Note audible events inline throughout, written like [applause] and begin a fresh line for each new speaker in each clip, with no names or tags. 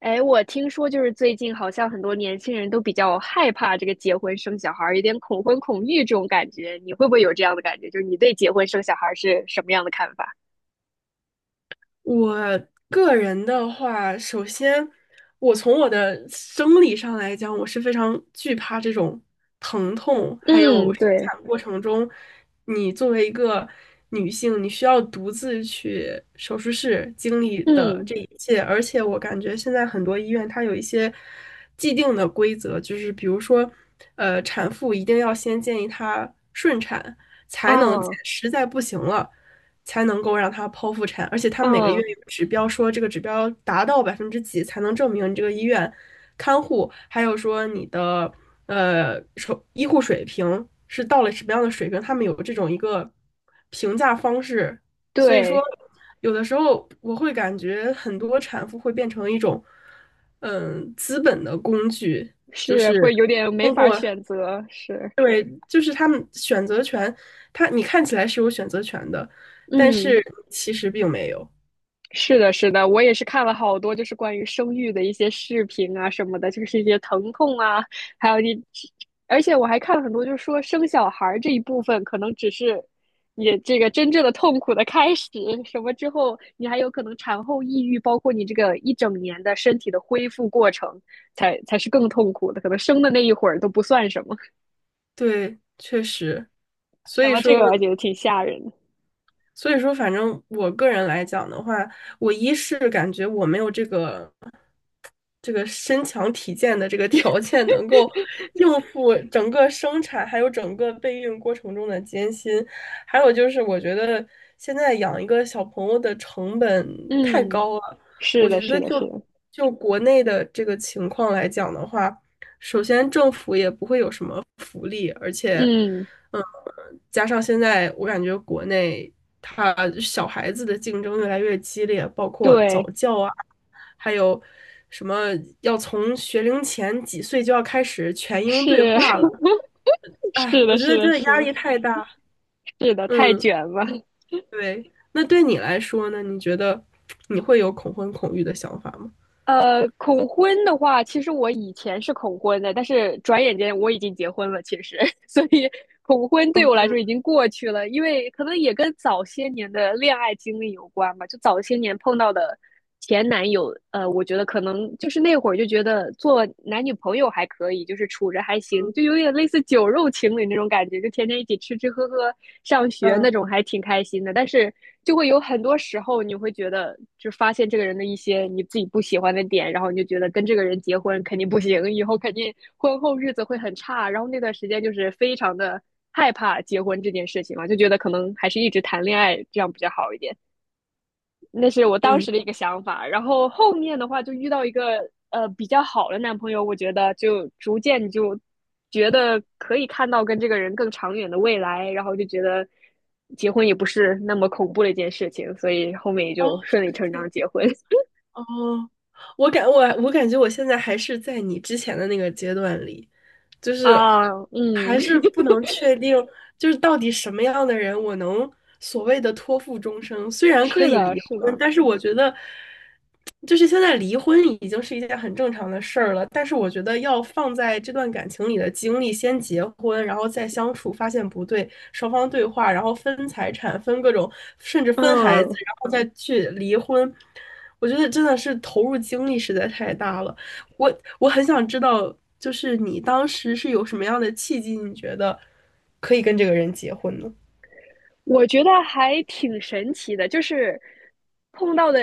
哎，我听说就是最近好像很多年轻人都比较害怕这个结婚生小孩儿，有点恐婚恐育这种感觉。你会不会有这样的感觉？就是你对结婚生小孩儿是什么样的看法？
我个人的话，首先，我从我的生理上来讲，我是非常惧怕这种疼痛。还有
嗯，
生
对，
产过程中，你作为一个女性，你需要独自去手术室经历的
嗯，
这一切。而且，我感觉现在很多医院它有一些既定的规则，就是比如说，产妇一定要先建议她顺产，才能见
嗯
实在不行了。才能够让她剖腹产，而且它每个月
嗯，
有指标，说这个指标达到百分之几才能证明你这个医院看护，还有说你的手医护水平是到了什么样的水平，他们有这种一个评价方式。所以说
对，
有的时候我会感觉很多产妇会变成一种资本的工具，就
是会
是
有点没
通
法
过。
选择，是，
对，就是他们选择权，他你看起来是有选择权的，但
嗯。
是其实并没有。
是的，是的，我也是看了好多，就是关于生育的一些视频啊什么的，就是一些疼痛啊，还有你，而且我还看了很多，就是说生小孩儿这一部分可能只是你这个真正的痛苦的开始，什么之后你还有可能产后抑郁，包括你这个一整年的身体的恢复过程，才是更痛苦的，可能生的那一会儿都不算什么。[laughs]
对，确实，所
想
以
到这
说，
个，我还觉得挺吓人的。
反正我个人来讲的话，我一是感觉我没有这个。这个身强体健的这个条件能够应付整个生产还有整个备孕过程中的艰辛。还有就是我觉得现在养一个小朋友的成本太
嗯，
高了。
是
我
的，
觉得
是的，
就
是的，
国内的这个情况来讲的话，首先政府也不会有什么。
嗯，
嗯，加上现在我感觉国内他小孩子的竞争越来越激烈，包括早
对，
教啊，还有什么要从学龄前几岁就要开始全英对
是。
话了。哎，
是
我
的，
觉
是
得真
的，
的
是
压
的，
力太大。
是的，太
嗯，
卷了。
对。那对你来说呢？你觉得你会有恐婚恐育的想法吗？
恐婚的话，其实我以前是恐婚的，但是转眼间我已经结婚了，其实，[laughs] 所以恐婚对
哦，
我来
真
说
的，
已经过去了，因为可能也跟早些年的恋爱经历有关吧。就早些年碰到的前男友，我觉得可能就是那会儿就觉得做男女朋友还可以，就是处着还行，就有点类似酒肉情侣那种感觉，就天天一起吃吃喝喝、上学
嗯
那种，还挺开心的。但是就会有很多时候，你会觉得就发现这个人的一些你自己不喜欢的点，然后你就觉得跟这个人结婚肯定不行，以后肯定婚后日子会很差。然后那段时间就是非常的害怕结婚这件事情嘛，就觉得可能还是一直谈恋爱这样比较好一点。那是我当时
嗯。
的一个想法。然后后面的话，就遇到一个比较好的男朋友，我觉得就逐渐就觉得可以看到跟这个人更长远的未来，然后就觉得结婚也不是那么恐怖的一件事情，所以后面也
哦，
就顺理
是
成
这
章
样。
结婚
哦，我感觉我现在还是在你之前的那个阶段里，就
[laughs]
是
啊。嗯，
还是不能确定，就是到底什么样的人我能所谓的托付终生。虽
[laughs]
然可
是
以离
的，是
婚，
的，
但是我觉得，就是现在离婚已经是一件很正常的事儿了。但是我觉得要放在这段感情里的经历，先结婚，然后再相处，发现不对，双方对话，然后分财产，分各种，甚至分孩子，
嗯，
然后再去离婚。我觉得真的是投入精力实在太大了。我我很想知道，就是你当时是有什么样的契机，你觉得可以跟这个人结婚呢？
我觉得还挺神奇的，就是碰到的，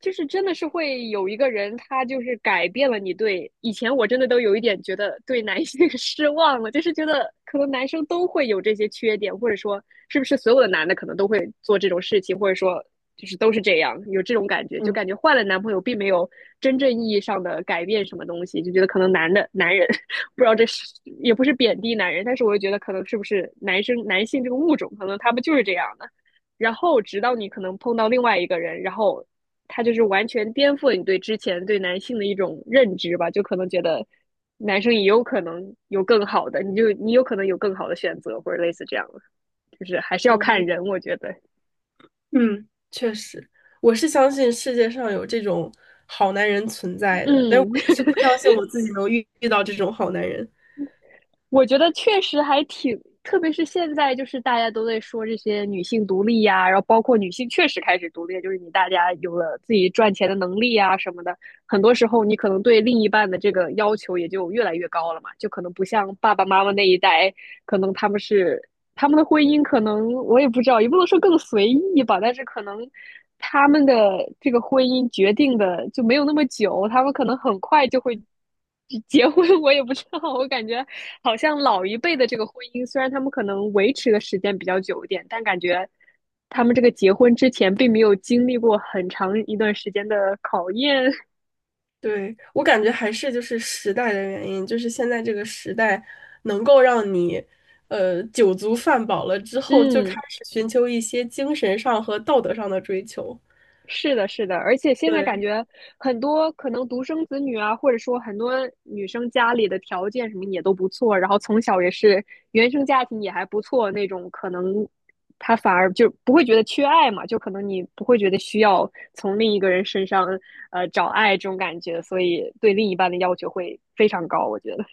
就是真的是会有一个人，他就是改变了你对以前我真的都有一点觉得对男性 [laughs] 失望了，就是觉得可能男生都会有这些缺点，或者说是不是所有的男的可能都会做这种事情，或者说就是都是这样，有这种感觉，就
嗯
感觉换了男朋友并没有真正意义上的改变什么东西，就觉得可能男人，不知道这是也不是贬低男人，但是我又觉得可能是不是男性这个物种，可能他们就是这样的。然后直到你可能碰到另外一个人，然后他就是完全颠覆了你对之前对男性的一种认知吧，就可能觉得男生也有可能有更好的，你就你有可能有更好的选择或者类似这样的，就是还是要看
嗯
人，我觉得，
嗯，确实，我是相信世界上有这种好男人存在的，但是
嗯。
我是不相信我自己能遇到这种好男人。
我觉得确实还挺，特别是现在，就是大家都在说这些女性独立呀、然后包括女性确实开始独立，就是你大家有了自己赚钱的能力啊什么的，很多时候你可能对另一半的这个要求也就越来越高了嘛，就可能不像爸爸妈妈那一代，可能他们是他们的婚姻可能我也不知道，也不能说更随意吧，但是可能他们的这个婚姻决定的就没有那么久，他们可能很快就会结婚，[laughs] 我也不知道。我感觉好像老一辈的这个婚姻，虽然他们可能维持的时间比较久一点，但感觉他们这个结婚之前并没有经历过很长一段时间的考验。
对，我感觉还是就是时代的原因，就是现在这个时代能够让你，酒足饭饱了之后，就开
嗯，
始寻求一些精神上和道德上的追求。
是的，是的，而且现在感
对
觉很多可能独生子女啊，或者说很多女生家里的条件什么也都不错，然后从小也是原生家庭也还不错那种，可能她反而就不会觉得缺爱嘛，就可能你不会觉得需要从另一个人身上找爱这种感觉，所以对另一半的要求会非常高，我觉得。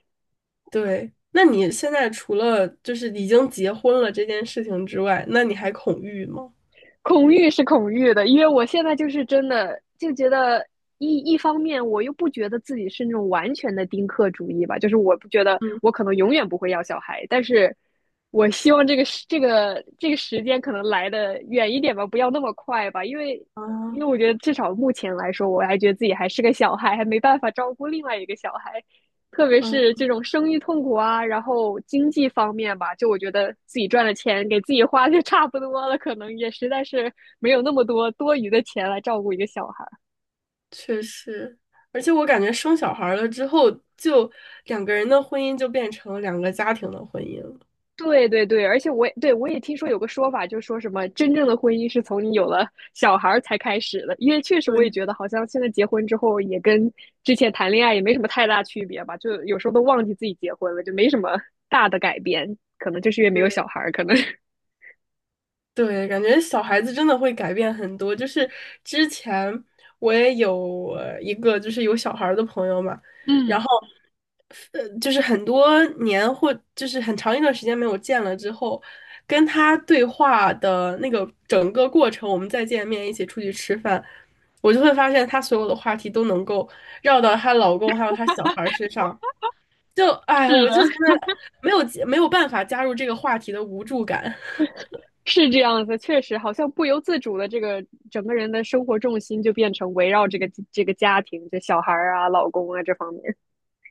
对，那你现在除了就是已经结婚了这件事情之外，那你还恐育吗？
恐惧是恐惧的，因为我现在就是真的就觉得一方面，我又不觉得自己是那种完全的丁克主义吧，就是我不觉得我
嗯
可能永远不会要小孩，但是我希望这个时间可能来的远一点吧，不要那么快吧，因为
啊
我觉得至少目前来说，我还觉得自己还是个小孩，还没办法照顾另外一个小孩，特别
嗯，
是这种生育痛苦啊，然后经济方面吧，就我觉得自己赚的钱给自己花就差不多了，可能也实在是没有那么多多余的钱来照顾一个小孩。
确实，而且我感觉生小孩儿了之后，就两个人的婚姻就变成两个家庭的婚姻了。
对对对，而且我也对我也听说有个说法，就说什么真正的婚姻是从你有了小孩才开始的，因为确实我也
对
觉得好像现在结婚之后也跟之前谈恋爱也没什么太大区别吧，就有时候都忘记自己结婚了，就没什么大的改变，可能就是因为没有小孩可能
对，感觉小孩子真的会改变很多。就是之前我也有一个就是有小孩儿的朋友嘛，
[laughs]
然
嗯，
后就是很多年或就是很长一段时间没有见了之后，跟他对话的那个整个过程，我们再见面一起出去吃饭，我就会发现他所有的话题都能够绕到她老公还有她小孩儿身上，就哎，
是
我
的。
就觉得没有办法加入这个话题的无助感。
是这样子，确实好像不由自主的，这个整个人的生活重心就变成围绕这个家庭、这小孩儿啊、老公啊这方面。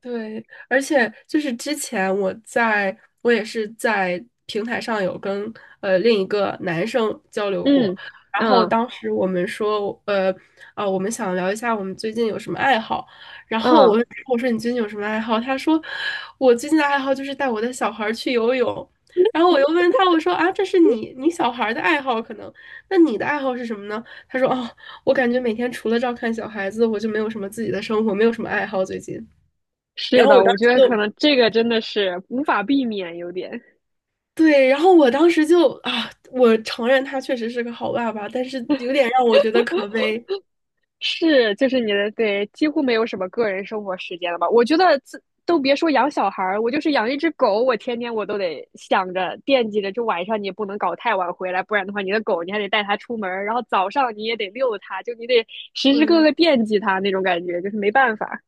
对，而且就是之前我在，我也是在平台上有跟另一个男生交流过，
嗯
然后
嗯
当时我们说，啊、我们想聊一下我们最近有什么爱好，然后
嗯，
我说你最近有什么爱好？他说我最近的爱好就是带我的小孩儿去游泳。然后我又问他，我说啊，这是你小孩儿的爱好可能，那你的爱好是什么呢？他说哦，我感觉每天除了照看小孩子，我就没有什么自己的生活，没有什么爱好最近。
是
然后
的，
我当
我觉
时
得
就
可能这个真的是无法避免，有点。
对，然后我当时就啊，我承认他确实是个好爸爸，但是有点让我觉得可悲
是，就是你的，对，几乎没有什么个人生活时间了吧？我觉得自都别说养小孩儿，我就是养一只狗，我天天我都得想着惦记着，就晚上你也不能搞太晚回来，不然的话，你的狗你还得带它出门儿然后早上你也得遛它，就你得
[laughs]。
时
对
时刻
呀，
刻惦记它那种感觉，就是没办法。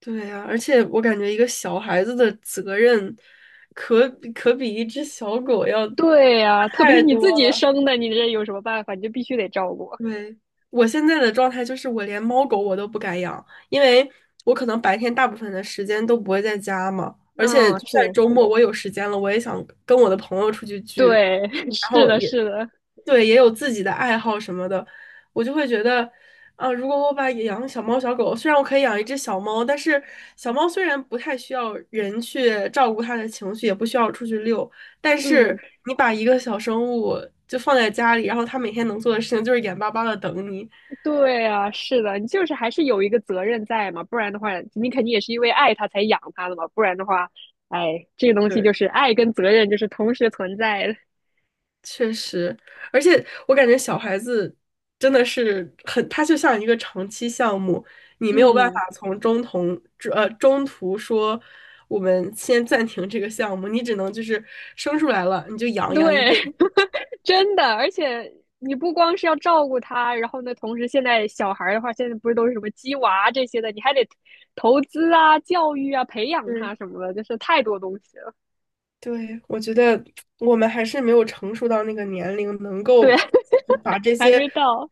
对呀，而且我感觉一个小孩子的责任可，可比一只小狗要大
对呀，特别是
太
你自
多
己
了。
生的，你这有什么办法？你就必须得照顾。
对，我现在的状态就是，我连猫狗我都不敢养，因为我可能白天大部分的时间都不会在家嘛，而且
嗯，
就算
是，
周末我有时间了，我也想跟我的朋友出去聚，
对，[laughs]
然
是
后
的，
也
是的，
对，也有自己的爱好什么的。我就会觉得，啊，如果我把养小猫小狗，虽然我可以养一只小猫，但是小猫虽然不太需要人去照顾它的情绪，也不需要出去遛，但是
嗯。
你把一个小生物就放在家里，然后它每天能做的事情就是眼巴巴的等你。
对啊，是的，你就是还是有一个责任在嘛，不然的话，你肯定也是因为爱他才养他的嘛，不然的话，哎，这个东西
对。
就是爱跟责任就是同时存在的。
确实，而且我感觉小孩子真的是很，他就像一个长期项目，你没有办法
嗯，
从中途中途说我们先暂停这个项目，你只能就是生出来了你就养一
对，
辈子。
[laughs] 真的，而且你不光是要照顾他，然后呢，同时现在小孩儿的话，现在不是都是什么鸡娃这些的，你还得投资啊、教育啊、培养他
对，
什么的，就是太多东西了。
对，我觉得我们还是没有成熟到那个年龄，能够
对，
就把这
[laughs] 还
些，
没到。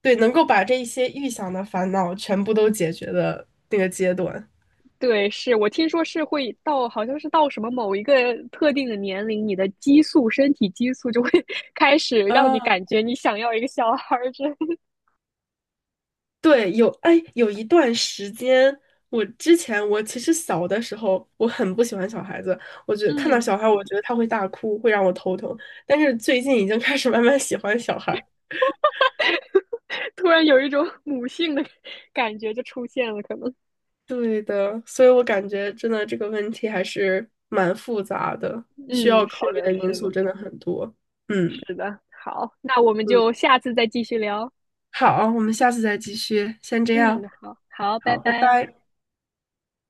对，能够把这一些预想的烦恼全部都解决的那个阶段。
对，是我听说是会到，好像是到什么某一个特定的年龄，你的激素，身体激素就会 [laughs] 开始让你感
啊。
觉你想要一个小孩儿，这，
对，有，哎，有一段时间，我之前我其实小的时候，我很不喜欢小孩子，我觉得看到
嗯，
小孩，我觉得他会大哭，会让我头疼。但是最近已经开始慢慢喜欢小孩 [laughs]
突然有一种 [laughs] 母性的感觉就出现了，可能，
对的，所以我感觉真的这个问题还是蛮复杂的，需要
嗯，
考
是
虑
的，
的因
是
素
的，
真的很多。嗯
是的，好，那我们
嗯，
就下次再继续聊，
好，我们下次再继续，先这样，
嗯，好，好，拜
好，拜
拜。
拜。